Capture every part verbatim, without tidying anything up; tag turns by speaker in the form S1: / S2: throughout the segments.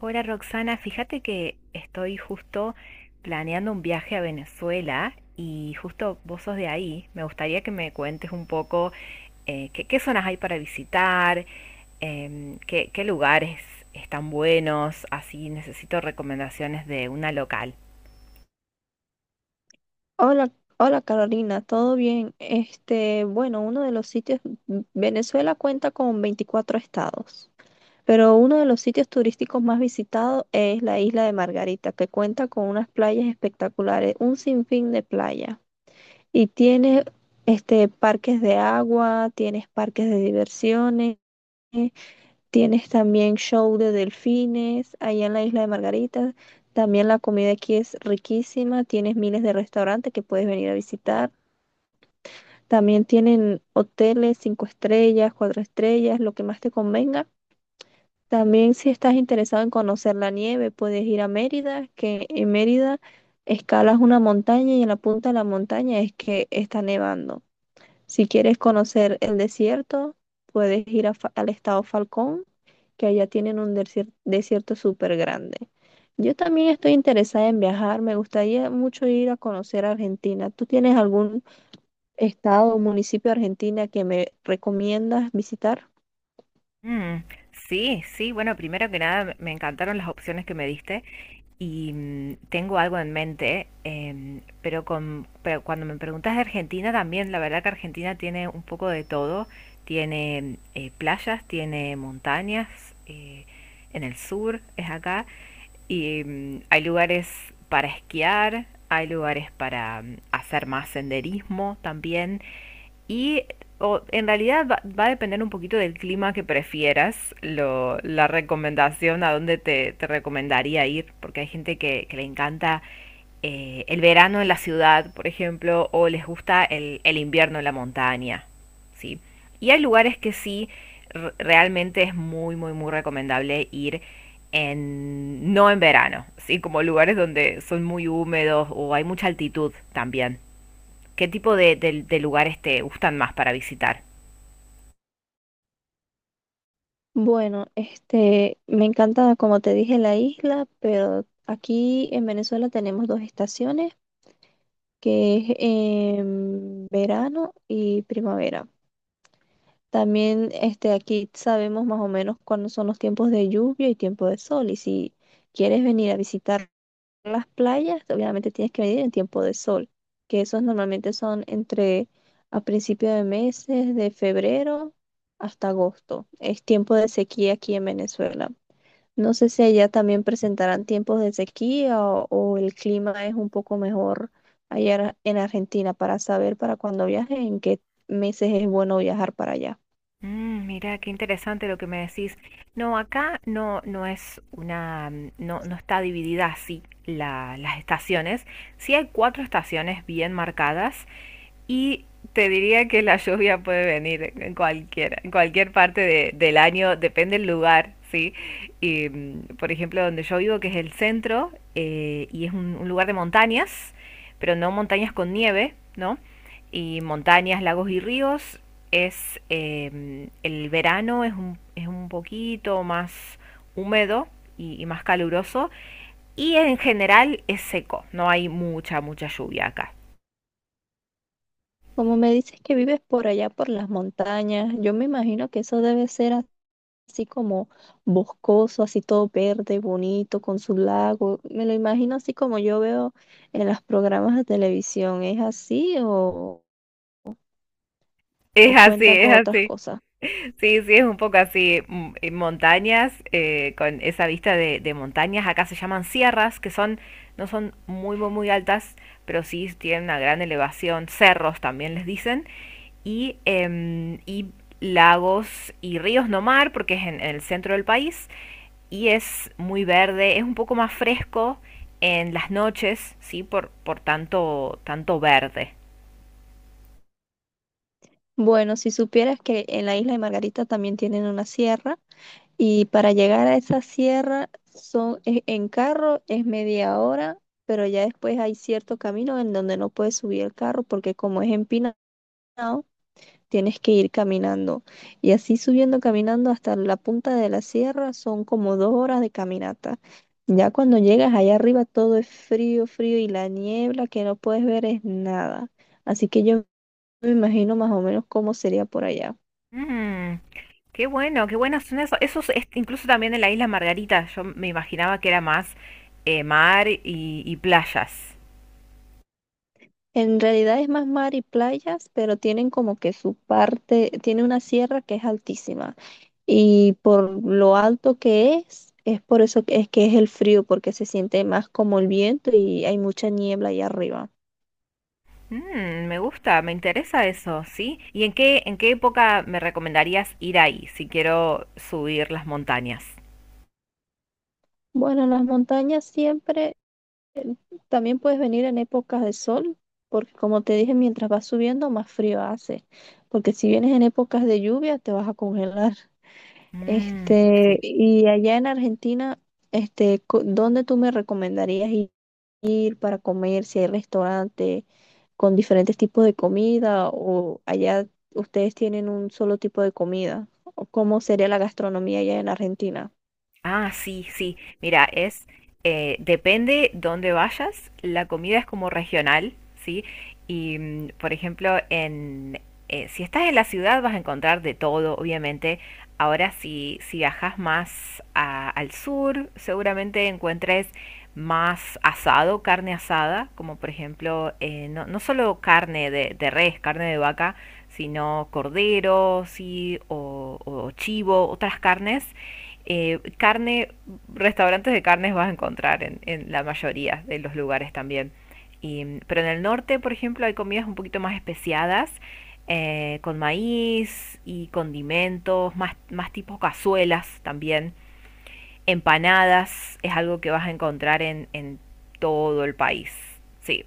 S1: Hola Roxana, fíjate que estoy justo planeando un viaje a Venezuela y justo vos sos de ahí. Me gustaría que me cuentes un poco eh, qué, qué zonas hay para visitar, em, qué, qué lugares están buenos, así necesito recomendaciones de una local.
S2: Hola, hola Carolina, ¿todo bien? Este, bueno, uno de los sitios, mm, Venezuela cuenta con veinticuatro estados, pero uno de los sitios turísticos más visitados es la isla de Margarita, que cuenta con unas playas espectaculares, un sinfín de playas. Y tiene este parques de agua, tienes parques de diversiones, tienes también show de delfines allá en la isla de Margarita. También la comida aquí es riquísima, tienes miles de restaurantes que puedes venir a visitar. También tienen hoteles, cinco estrellas, cuatro estrellas, lo que más te convenga. También si estás interesado en conocer la nieve, puedes ir a Mérida, que en Mérida escalas una montaña y en la punta de la montaña es que está nevando. Si quieres conocer el desierto, puedes ir a Fa- al estado Falcón, que allá tienen un desier- desierto súper grande. Yo también estoy interesada en viajar, me gustaría mucho ir a conocer Argentina. ¿Tú tienes algún estado o municipio de Argentina que me recomiendas visitar?
S1: Mm, sí, sí, bueno, primero que nada me me encantaron las opciones que me diste y mm, tengo algo en mente, em, pero, con, pero cuando me preguntas de Argentina también, la verdad que Argentina tiene un poco de todo, tiene eh, playas, tiene montañas eh, en el sur, es acá, y mm, hay lugares para esquiar, hay lugares para mm, hacer más senderismo también, y o, en realidad va, va a depender un poquito del clima que prefieras, lo, la recomendación a dónde te, te recomendaría ir, porque hay gente que, que le encanta eh, el verano en la ciudad, por ejemplo, o les gusta el, el invierno en la montaña, ¿sí? Y hay lugares que sí, r- realmente es muy, muy, muy recomendable ir en, no en verano, ¿sí? Como lugares donde son muy húmedos o hay mucha altitud también. ¿Qué tipo de, de- de lugares te gustan más para visitar?
S2: Bueno, este, me encanta, como te dije, la isla, pero aquí en Venezuela tenemos dos estaciones, que es em, verano y primavera. También, este, aquí sabemos más o menos cuándo son los tiempos de lluvia y tiempo de sol, y si quieres venir a visitar las playas, obviamente tienes que venir en tiempo de sol, que esos normalmente son entre a principios de meses, de febrero hasta agosto. Es tiempo de sequía aquí en Venezuela. No sé si allá también presentarán tiempos de sequía o, o el clima es un poco mejor allá en Ar- en Argentina para saber para cuando viaje en qué meses es bueno viajar para allá.
S1: Mm, mira, qué interesante lo que me decís. No, acá no, no es una, mm, no, no está dividida así la- las estaciones. Sí hay cuatro estaciones bien marcadas y te diría que la lluvia puede venir en cualquier, en cualquier parte de- del año, depende del lugar, ¿sí? Y, mm, por ejemplo, donde yo vivo, que es el centro, eh, y es un un lugar de montañas, pero no montañas con nieve, ¿no? Y montañas, lagos y ríos es eh, el verano es un, es un poquito más húmedo y, y más caluroso y en general es seco, no hay mucha, mucha lluvia acá.
S2: Como me dices que vives por allá, por las montañas, yo me imagino que eso debe ser así como boscoso, así todo verde, bonito, con su lago. Me lo imagino así como yo veo en los programas de televisión. ¿Es así o, o
S1: Es así,
S2: cuenta
S1: es
S2: con otras
S1: así.
S2: cosas?
S1: Sí, sí, es un poco así, mm, eh, montañas, eh, con esa vista de, de montañas, acá se llaman sierras, que son, no son muy, muy, muy altas, pero sí tienen una gran elevación, cerros también les dicen, y, em, y lagos y ríos, no mar, porque es en, en el centro del país, y es muy verde, es un poco más fresco en las noches, sí, por, por tanto, tanto verde.
S2: Bueno, si supieras que en la isla de Margarita también tienen una sierra y para llegar a esa sierra son, e- en carro es media hora, pero ya después hay cierto camino en donde no puedes subir el carro porque como es empinado, tienes que ir caminando. Y así subiendo, caminando hasta la punta de la sierra, son como dos horas de caminata. Ya cuando llegas allá arriba todo es frío, frío y la niebla que no puedes ver es nada. Así que yo me imagino más o menos cómo sería por allá.
S1: Mm, qué bueno, qué buenas son esos. Esos es- incluso también en la isla Margarita, yo me imaginaba que era más eh, mar y, y playas.
S2: En realidad es más mar y playas, pero tienen como que su parte, tiene una sierra que es altísima. Y por lo alto que es, es por eso que es que es el frío, porque se siente más como el viento y hay mucha niebla allá arriba.
S1: Mm, me gusta, me interesa eso, ¿sí? ¿Y en qué, en qué época me recomendarías ir ahí si quiero subir las montañas?
S2: Bueno, las montañas siempre, también puedes venir en épocas de sol, porque como te dije, mientras vas subiendo, más frío hace, porque si vienes en épocas de lluvia, te vas a congelar.
S1: Mm, sí.
S2: Este, y allá en Argentina, este, co- ¿dónde tú me recomendarías i- ir para comer? Si hay restaurante con diferentes tipos de comida, o allá ustedes tienen un solo tipo de comida, o cómo sería la gastronomía allá en Argentina.
S1: Ah, sí, sí. Mira, es eh, depende dónde vayas, la comida es como regional, ¿sí? Y mm, por ejemplo, en eh, si estás en la ciudad vas a encontrar de todo, obviamente. Ahora si si viajas más a- al sur, seguramente encuentres más asado, carne asada, como por ejemplo, eh, no, no solo carne de, de res, carne de vaca, sino cordero, sí, o, o chivo, otras carnes eh, carne, restaurantes de carnes vas a encontrar en, en la mayoría de los lugares también. Y, pero en el norte, por ejemplo, hay comidas un poquito más especiadas, eh, con maíz y condimentos, más, más tipo cazuelas también. Empanadas es algo que vas a encontrar en, en todo el país. Sí.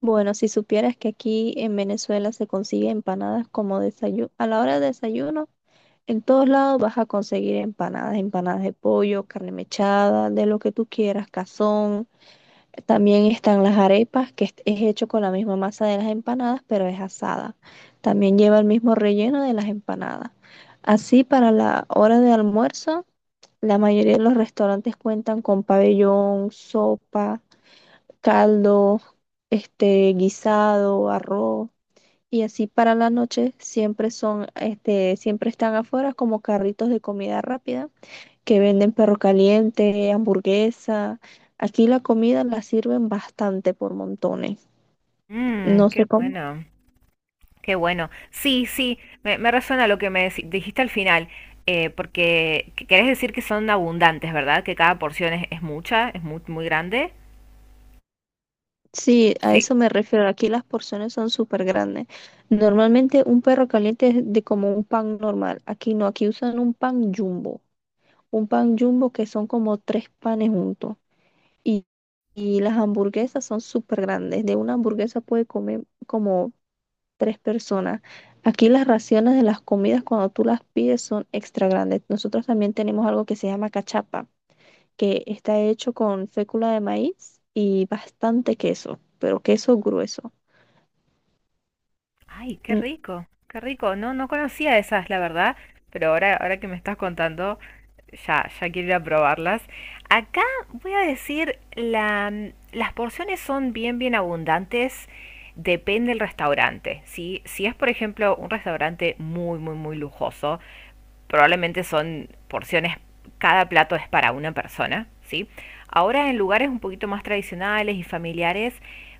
S2: Bueno, si supieras que aquí en Venezuela se consigue empanadas como desayuno, a la hora de desayuno, en todos lados vas a conseguir empanadas, empanadas de pollo, carne mechada, de lo que tú quieras, cazón. También están las arepas, que es es hecho con la misma masa de las empanadas, pero es asada. También lleva el mismo relleno de las empanadas. Así, para la hora de almuerzo, la mayoría de los restaurantes cuentan con pabellón, sopa caldo, este guisado, arroz y así para la noche siempre son, este, siempre están afuera como carritos de comida rápida que venden perro caliente, hamburguesa. Aquí la comida la sirven bastante por montones.
S1: Mm,
S2: No
S1: qué
S2: sé cómo.
S1: bueno. Qué bueno. Sí, sí, me, me resuena lo que me deci- dijiste al final, eh, porque qu- querés decir que son abundantes, ¿verdad? Que cada porción es, es mucha, es muy, muy grande.
S2: Sí, a
S1: Sí.
S2: eso me refiero. Aquí las porciones son súper grandes. Normalmente un perro caliente es de como un pan normal. Aquí no, aquí usan un pan jumbo. Un pan jumbo que son como tres panes juntos. Y, y las hamburguesas son súper grandes. De una hamburguesa puede comer como tres personas. Aquí las raciones de las comidas cuando tú las pides son extra grandes. Nosotros también tenemos algo que se llama cachapa, que está hecho con fécula de maíz y bastante queso, pero queso grueso.
S1: Ay, qué
S2: Mm.
S1: rico, qué rico. No, no conocía esas, la verdad, pero ahora, ahora que me estás contando, ya, ya quiero ir a probarlas. Acá voy a decir, la, mm, las porciones son bien, bien abundantes. Depende del restaurante, ¿sí? Si es, por ejemplo, un restaurante muy, muy, muy lujoso, probablemente son porciones, cada plato es para una persona, ¿sí? Ahora en lugares un poquito más tradicionales y familiares,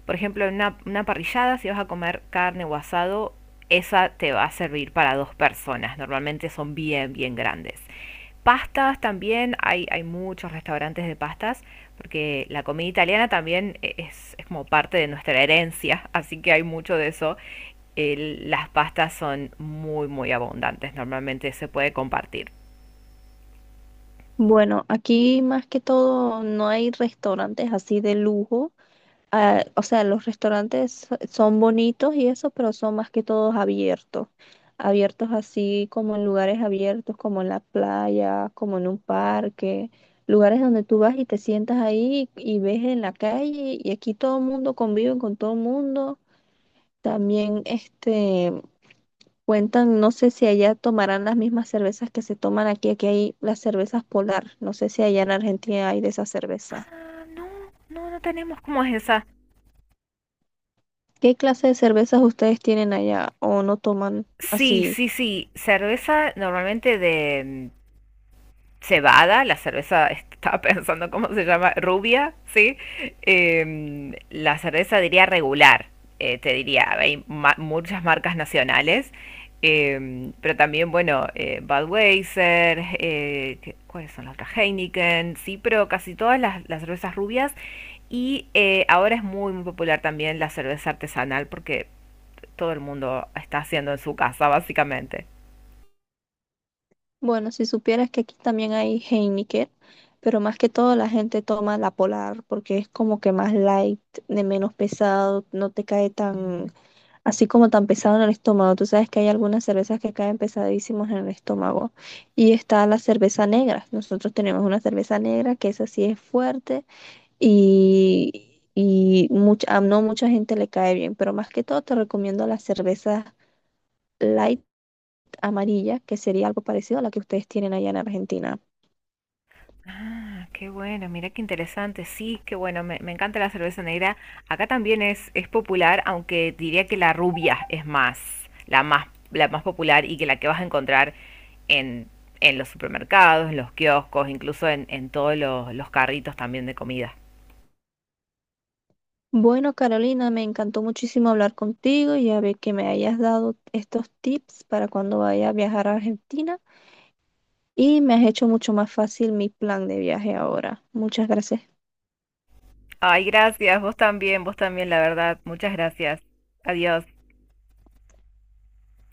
S1: por ejemplo, en una, una parrillada, si vas a comer carne o asado, esa te va a servir para dos personas. Normalmente son bien, bien grandes. Pastas también, hay, hay muchos restaurantes de pastas, porque la comida italiana también e, es, es como parte de nuestra herencia, así que hay mucho de eso. El- las pastas son muy, muy abundantes, normalmente se puede compartir.
S2: Bueno, aquí más que todo no hay restaurantes así de lujo ah, o sea, los restaurantes so, son bonitos y eso, pero son más que todos abiertos. Abiertos así como en lugares abiertos, como en la playa, como en un parque, lugares donde tú vas y te sientas ahí y ves en la calle y aquí todo el mundo convive con todo el mundo. También este cuentan, no sé si allá tomarán las mismas cervezas que se toman aquí, aquí hay las cervezas Polar, no sé si allá en Argentina hay de esa cerveza.
S1: Ah, no, no, no tenemos. ¿Cómo es esa?
S2: ¿Qué clase de cervezas ustedes tienen allá o no toman
S1: Sí,
S2: así?
S1: sí, sí. Cerveza normalmente de cebada, la cerveza, estaba pensando cómo se llama, rubia, ¿sí? Em, la cerveza diría regular, eh, te diría, hay ma- muchas marcas nacionales, em, pero también, bueno, eh, Budweiser, eh, ¿cuáles son las otras? Heineken, sí, pero casi todas las, las cervezas rubias. Y eh, ahora es muy, muy popular también la cerveza artesanal porque todo el mundo está haciendo en su casa, básicamente.
S2: Bueno, si supieras que aquí también hay Heineken, pero más que todo la gente toma la Polar porque es como que más light, de menos pesado, no te cae tan así como tan pesado en el estómago. Tú sabes que hay algunas cervezas que caen pesadísimos en el estómago. Y está la cerveza negra. Nosotros tenemos una cerveza negra que esa sí es fuerte y y mucha, a no mucha gente le cae bien, pero más que todo te recomiendo las cervezas light amarilla, que sería algo parecido a la que ustedes tienen allá en Argentina.
S1: Ah, qué bueno, mira qué interesante. Sí, qué bueno, me, me encanta la cerveza negra. Acá también es, es popular, aunque diría que la rubia es más, la más, la más popular y que la que vas a encontrar en, en los supermercados, en los kioscos, incluso en, en todos los, los carritos también de comida.
S2: Bueno, Carolina, me encantó muchísimo hablar contigo y a ver que me hayas dado estos tips para cuando vaya a viajar a Argentina y me has hecho mucho más fácil mi plan de viaje ahora. Muchas gracias.
S1: Ay, gracias, vos también, vos también, la verdad. Muchas gracias. Adiós.